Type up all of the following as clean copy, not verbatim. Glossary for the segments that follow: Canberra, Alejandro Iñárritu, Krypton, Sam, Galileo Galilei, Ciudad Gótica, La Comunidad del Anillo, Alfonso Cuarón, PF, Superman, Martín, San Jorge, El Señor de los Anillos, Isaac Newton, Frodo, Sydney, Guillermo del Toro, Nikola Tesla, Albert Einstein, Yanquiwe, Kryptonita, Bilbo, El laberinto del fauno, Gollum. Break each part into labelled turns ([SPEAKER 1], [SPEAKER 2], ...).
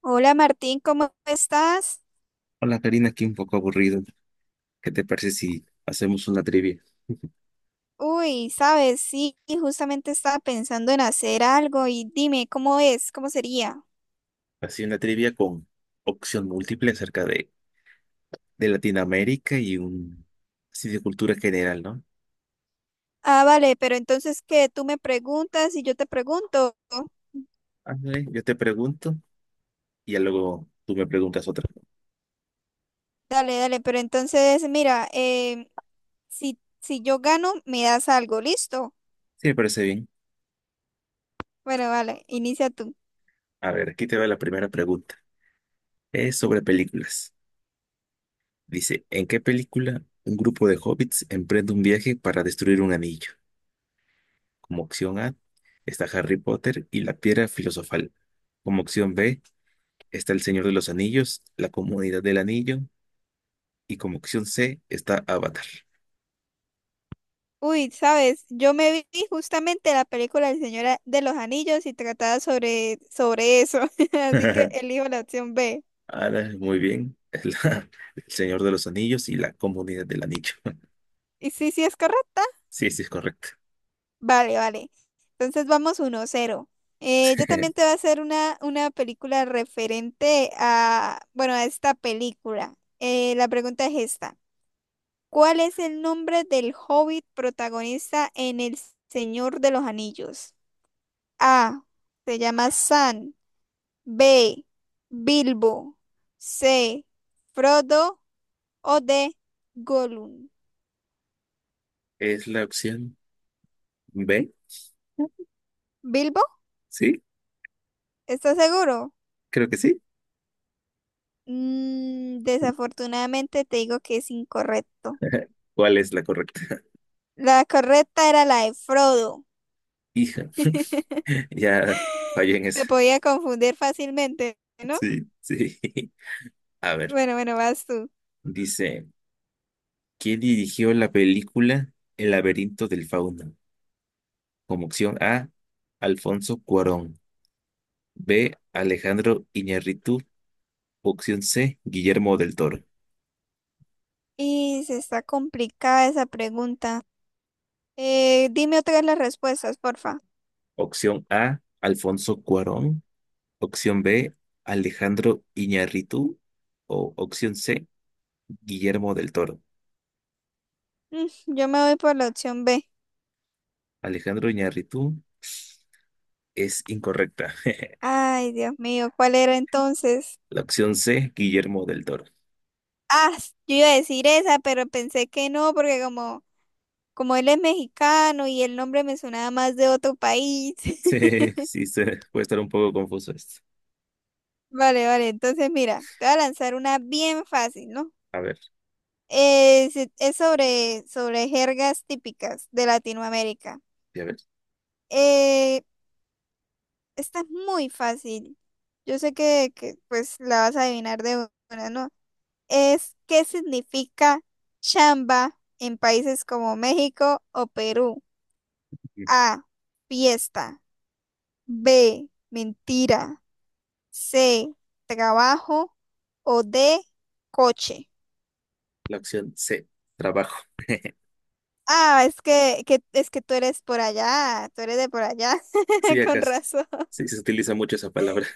[SPEAKER 1] Hola Martín, ¿cómo estás?
[SPEAKER 2] Hola Karina, aquí un poco aburrido. ¿Qué te parece si hacemos una trivia?
[SPEAKER 1] Uy, sabes, sí, justamente estaba pensando en hacer algo y dime, ¿cómo es? ¿Cómo sería?
[SPEAKER 2] Así una trivia con opción múltiple acerca de Latinoamérica y un así de cultura general, ¿no?
[SPEAKER 1] Ah, vale, pero entonces que tú me preguntas y yo te pregunto.
[SPEAKER 2] Ándale, yo te pregunto y ya luego tú me preguntas otra.
[SPEAKER 1] Dale, dale, pero entonces mira, si yo gano, me das algo, ¿listo?
[SPEAKER 2] Sí, me parece bien.
[SPEAKER 1] Bueno, vale, inicia tú.
[SPEAKER 2] A ver, aquí te va la primera pregunta. Es sobre películas. Dice, ¿en qué película un grupo de hobbits emprende un viaje para destruir un anillo? Como opción A está Harry Potter y la piedra filosofal. Como opción B está El Señor de los Anillos, La Comunidad del Anillo, y como opción C está Avatar.
[SPEAKER 1] Uy, sabes, yo me vi justamente la película El Señor de los Anillos y trataba sobre eso, así que elijo la opción B.
[SPEAKER 2] Ahora, muy bien. El Señor de los Anillos y La Comunidad del Anillo.
[SPEAKER 1] ¿Y sí es correcta?
[SPEAKER 2] Sí, sí, es correcto.
[SPEAKER 1] Vale, vale. Entonces vamos uno cero. Yo también te voy a hacer una película referente a, bueno, a esta película. La pregunta es esta. ¿Cuál es el nombre del hobbit protagonista en El Señor de los Anillos? A. Se llama Sam. B. Bilbo. C. Frodo. O D. Gollum.
[SPEAKER 2] ¿Es la opción B?
[SPEAKER 1] ¿Bilbo?
[SPEAKER 2] ¿Sí?
[SPEAKER 1] ¿Estás seguro?
[SPEAKER 2] Creo que sí.
[SPEAKER 1] Desafortunadamente te digo que es incorrecto.
[SPEAKER 2] ¿Cuál es la correcta?
[SPEAKER 1] La correcta era la de Frodo.
[SPEAKER 2] Hija, ya fallé en esa.
[SPEAKER 1] Se podía confundir fácilmente, ¿no?
[SPEAKER 2] Sí, sí. A ver,
[SPEAKER 1] Bueno, bueno, vas tú.
[SPEAKER 2] dice, ¿quién dirigió la película El laberinto del fauno? Como opción A, Alfonso Cuarón. B, Alejandro Iñárritu. Opción C, Guillermo del Toro.
[SPEAKER 1] Y se está complicada esa pregunta. Dime otra vez las respuestas, porfa.
[SPEAKER 2] Opción A, Alfonso Cuarón. Opción B, Alejandro Iñárritu. O opción C, Guillermo del Toro.
[SPEAKER 1] Mm, yo me voy por la opción B.
[SPEAKER 2] Alejandro Iñárritu es incorrecta.
[SPEAKER 1] Ay, Dios mío, ¿cuál era entonces?
[SPEAKER 2] La opción C, Guillermo del Toro.
[SPEAKER 1] Ah, yo iba a decir esa, pero pensé que no, porque como él es mexicano y el nombre me sonaba más de otro país.
[SPEAKER 2] Sí, sí, se puede estar un poco confuso esto.
[SPEAKER 1] Vale, vale, entonces mira, te voy a lanzar una bien fácil, ¿no?
[SPEAKER 2] A ver,
[SPEAKER 1] Es sobre jergas típicas de Latinoamérica.
[SPEAKER 2] a ver.
[SPEAKER 1] Eh, Esta es muy fácil. Yo sé pues la vas a adivinar de una, ¿no? Es, ¿qué significa chamba en países como México o Perú? A, fiesta. B, mentira. C, trabajo. O D, coche.
[SPEAKER 2] La opción C. Trabajo.
[SPEAKER 1] Ah, es que es que tú eres por allá, tú eres de por allá,
[SPEAKER 2] Sí,
[SPEAKER 1] con
[SPEAKER 2] acá se,
[SPEAKER 1] razón.
[SPEAKER 2] sí, se utiliza mucho esa palabra.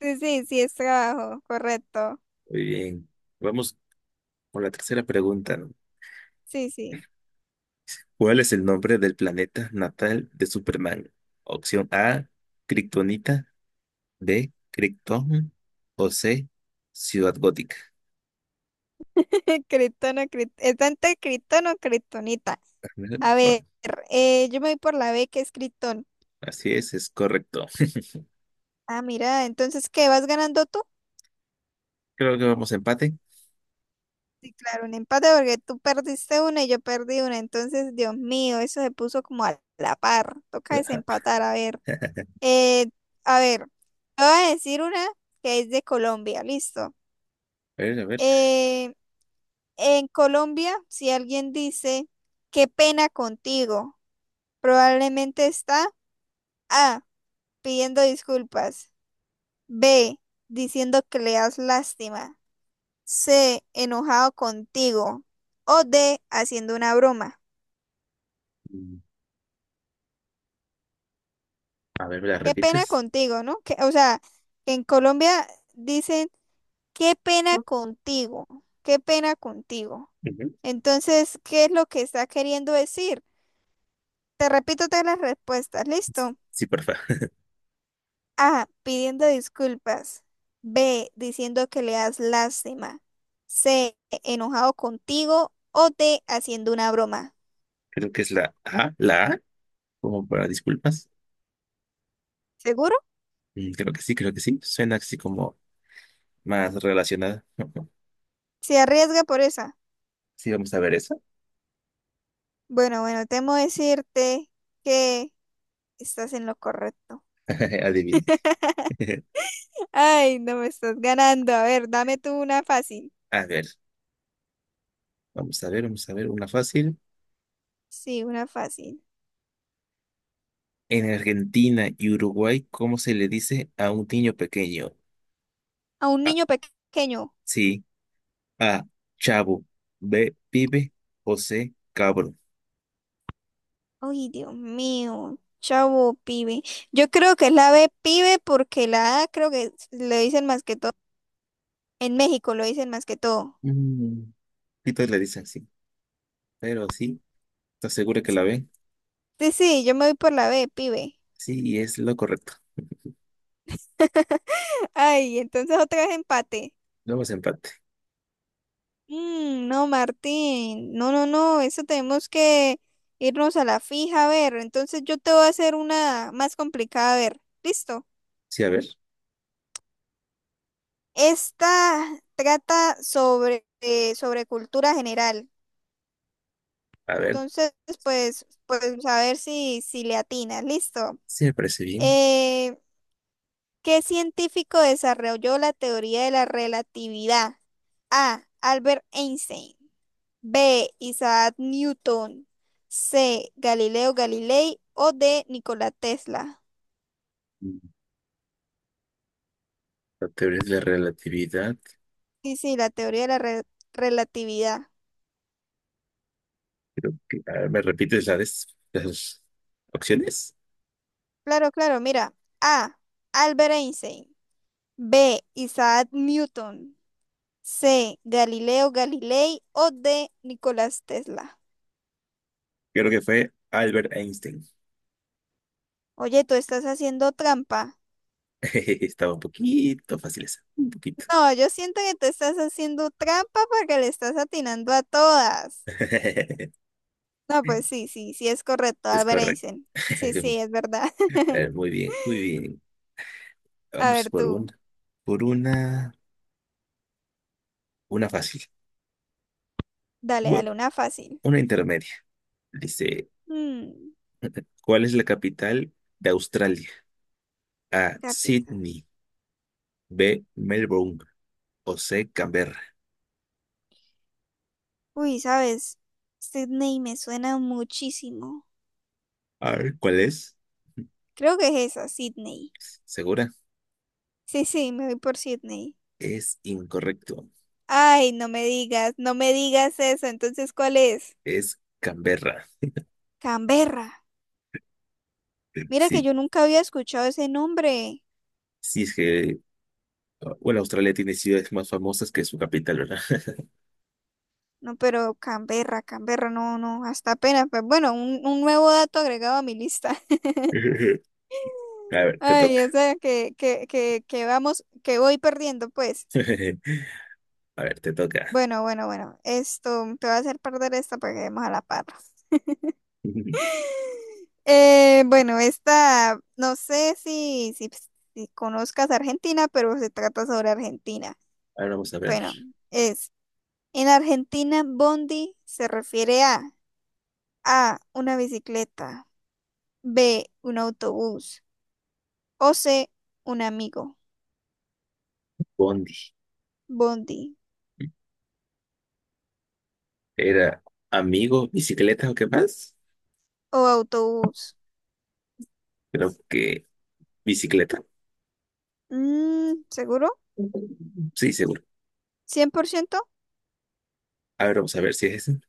[SPEAKER 1] Sí, es trabajo, correcto.
[SPEAKER 2] Muy bien. Vamos por la tercera pregunta, ¿no?
[SPEAKER 1] Sí, sí.
[SPEAKER 2] ¿Cuál es el nombre del planeta natal de Superman? Opción A, Kryptonita, B, Krypton, o C, Ciudad Gótica.
[SPEAKER 1] Criptono, es tanto criptono, criptonita.
[SPEAKER 2] Ajá. Bueno,
[SPEAKER 1] A ver, yo me voy por la B que es criptón.
[SPEAKER 2] así es correcto.
[SPEAKER 1] Ah, mira, entonces, ¿qué vas ganando tú?
[SPEAKER 2] Creo que vamos a empate.
[SPEAKER 1] Sí, claro, un empate porque tú perdiste una y yo perdí una. Entonces, Dios mío, eso se puso como a la par. Toca
[SPEAKER 2] Ajá.
[SPEAKER 1] desempatar, a ver. Eh, a ver, te voy a decir una que es de Colombia, listo.
[SPEAKER 2] A ver, a ver.
[SPEAKER 1] Eh, en Colombia, si alguien dice, qué pena contigo. Probablemente está A, pidiendo disculpas; B, diciendo que le das lástima; C, enojado contigo; o D, haciendo una broma.
[SPEAKER 2] Mm, A ver, ¿me la
[SPEAKER 1] Qué pena
[SPEAKER 2] repites?
[SPEAKER 1] contigo, ¿no? O sea, en Colombia dicen, qué pena contigo, qué pena contigo.
[SPEAKER 2] Ujú.
[SPEAKER 1] Entonces, ¿qué es lo que está queriendo decir? Te repito todas las respuestas, ¿listo?
[SPEAKER 2] Sí, porfa.
[SPEAKER 1] A. Pidiendo disculpas. B. Diciendo que le das lástima. C. Enojado contigo. O D. Haciendo una broma.
[SPEAKER 2] Creo que es la A, como para disculpas.
[SPEAKER 1] ¿Seguro?
[SPEAKER 2] Creo que sí, creo que sí. Suena así como más relacionada.
[SPEAKER 1] ¿Se arriesga por esa?
[SPEAKER 2] Sí, vamos a ver eso.
[SPEAKER 1] Bueno, bueno, temo decirte que estás en lo correcto.
[SPEAKER 2] Adivine.
[SPEAKER 1] Ay, no, me estás ganando. A ver, dame tú una fácil.
[SPEAKER 2] A ver. Vamos a ver, vamos a ver, una fácil.
[SPEAKER 1] Sí, una fácil.
[SPEAKER 2] En Argentina y Uruguay, ¿cómo se le dice a un niño pequeño?
[SPEAKER 1] A un
[SPEAKER 2] A,
[SPEAKER 1] niño pequeño.
[SPEAKER 2] sí, A, chavo, B, pibe, o C, cabro.
[SPEAKER 1] Ay, Dios mío. Chavo, pibe. Yo creo que es la B, pibe, porque la A creo que le dicen más que todo. En México lo dicen más que todo.
[SPEAKER 2] Mm, y todos le dicen sí, pero sí, ¿estás segura que
[SPEAKER 1] Sí,
[SPEAKER 2] la ven?
[SPEAKER 1] sí, yo me voy por la B, pibe.
[SPEAKER 2] Sí, y es lo correcto.
[SPEAKER 1] Ay, entonces otra vez empate.
[SPEAKER 2] Vamos a empate.
[SPEAKER 1] Mm, no, Martín. No, no, no. Eso tenemos que irnos a la fija. A ver, entonces yo te voy a hacer una más complicada. A ver, listo.
[SPEAKER 2] Sí,
[SPEAKER 1] Esta trata sobre, sobre cultura general.
[SPEAKER 2] a ver,
[SPEAKER 1] Entonces, pues a ver si le atinas. Listo.
[SPEAKER 2] sí me parece bien.
[SPEAKER 1] Eh, ¿Qué científico desarrolló la teoría de la relatividad? A. Albert Einstein. B. Isaac Newton. C. Galileo Galilei. O D. Nikola Tesla.
[SPEAKER 2] Mm, La teoría de la relatividad,
[SPEAKER 1] Sí, sí, la teoría de la relatividad.
[SPEAKER 2] creo que, a ver, ¿me repites la de las opciones?
[SPEAKER 1] Claro, claro, mira. A. Albert Einstein. B. Isaac Newton. C. Galileo Galilei. O D. Nicolás Tesla.
[SPEAKER 2] Creo que fue Albert Einstein.
[SPEAKER 1] Oye, tú estás haciendo trampa.
[SPEAKER 2] Estaba un poquito fácil esa, un poquito.
[SPEAKER 1] No, yo siento que te estás haciendo trampa porque le estás atinando a todas. No, pues sí es correcto,
[SPEAKER 2] Es
[SPEAKER 1] Albert
[SPEAKER 2] correcto.
[SPEAKER 1] Einstein. Sí, sí, es verdad.
[SPEAKER 2] A ver, muy bien, muy bien.
[SPEAKER 1] A
[SPEAKER 2] Vamos
[SPEAKER 1] ver
[SPEAKER 2] por
[SPEAKER 1] tú,
[SPEAKER 2] una, por una, una fácil.
[SPEAKER 1] dale,
[SPEAKER 2] Bueno,
[SPEAKER 1] dale una fácil.
[SPEAKER 2] una intermedia. Dice,
[SPEAKER 1] Mm,
[SPEAKER 2] ¿cuál es la capital de Australia? A,
[SPEAKER 1] capital.
[SPEAKER 2] Sydney, B, Melbourne, o C, Canberra.
[SPEAKER 1] Uy, ¿sabes? Sydney me suena muchísimo.
[SPEAKER 2] A ver, ¿cuál es?
[SPEAKER 1] Creo que es esa, Sydney.
[SPEAKER 2] ¿Segura?
[SPEAKER 1] Sí, sí, me voy por Sydney.
[SPEAKER 2] Es incorrecto.
[SPEAKER 1] Ay, no me digas, no me digas eso. Entonces, ¿cuál es?
[SPEAKER 2] Es Canberra.
[SPEAKER 1] Canberra. Mira que
[SPEAKER 2] Sí,
[SPEAKER 1] yo nunca había escuchado ese nombre.
[SPEAKER 2] sí es que, bueno, Australia tiene ciudades más famosas que su capital, ¿verdad?
[SPEAKER 1] No, pero Canberra, Canberra, no, no, hasta apenas. Pues bueno, un nuevo dato agregado a mi lista.
[SPEAKER 2] A ver, te
[SPEAKER 1] Ay,
[SPEAKER 2] toca.
[SPEAKER 1] o sea, que vamos, que voy perdiendo, pues.
[SPEAKER 2] A ver, te toca.
[SPEAKER 1] Bueno, bueno, bueno. Esto, te voy a hacer perder esta para que demos a la par. Bueno, esta, no sé si conozcas Argentina, pero se trata sobre Argentina.
[SPEAKER 2] Ahora vamos a ver.
[SPEAKER 1] Bueno, es, en Argentina, bondi se refiere a A, una bicicleta; B, un autobús; o C, un amigo.
[SPEAKER 2] Bondi.
[SPEAKER 1] Bondi
[SPEAKER 2] ¿Era amigo, bicicleta o qué más?
[SPEAKER 1] o autobús.
[SPEAKER 2] Creo que bicicleta.
[SPEAKER 1] Mm, ¿seguro?
[SPEAKER 2] Sí, seguro.
[SPEAKER 1] 100%
[SPEAKER 2] A ver, vamos a ver si es ese.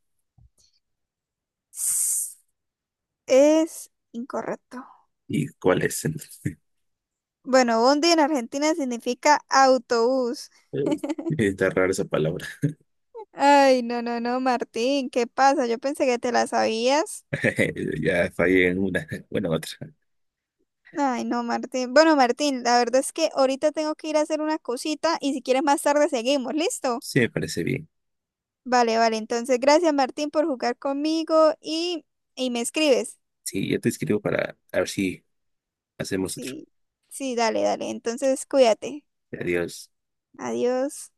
[SPEAKER 1] es incorrecto.
[SPEAKER 2] ¿Y cuál es entonces?
[SPEAKER 1] Bueno, bondi en Argentina significa autobús.
[SPEAKER 2] Eh, Está rara esa palabra.
[SPEAKER 1] Ay, no, no, no, Martín, ¿qué pasa? Yo pensé que te la sabías.
[SPEAKER 2] Ya fallé en una. Bueno, en otra.
[SPEAKER 1] Ay, no, Martín. Bueno, Martín, la verdad es que ahorita tengo que ir a hacer una cosita y si quieres más tarde seguimos, ¿listo?
[SPEAKER 2] Sí, me parece bien.
[SPEAKER 1] Vale, vale, entonces gracias, Martín, por jugar conmigo y me escribes.
[SPEAKER 2] Sí, yo te escribo para a ver si hacemos otro.
[SPEAKER 1] Sí, sí, dale, dale. Entonces, cuídate.
[SPEAKER 2] Adiós.
[SPEAKER 1] Adiós.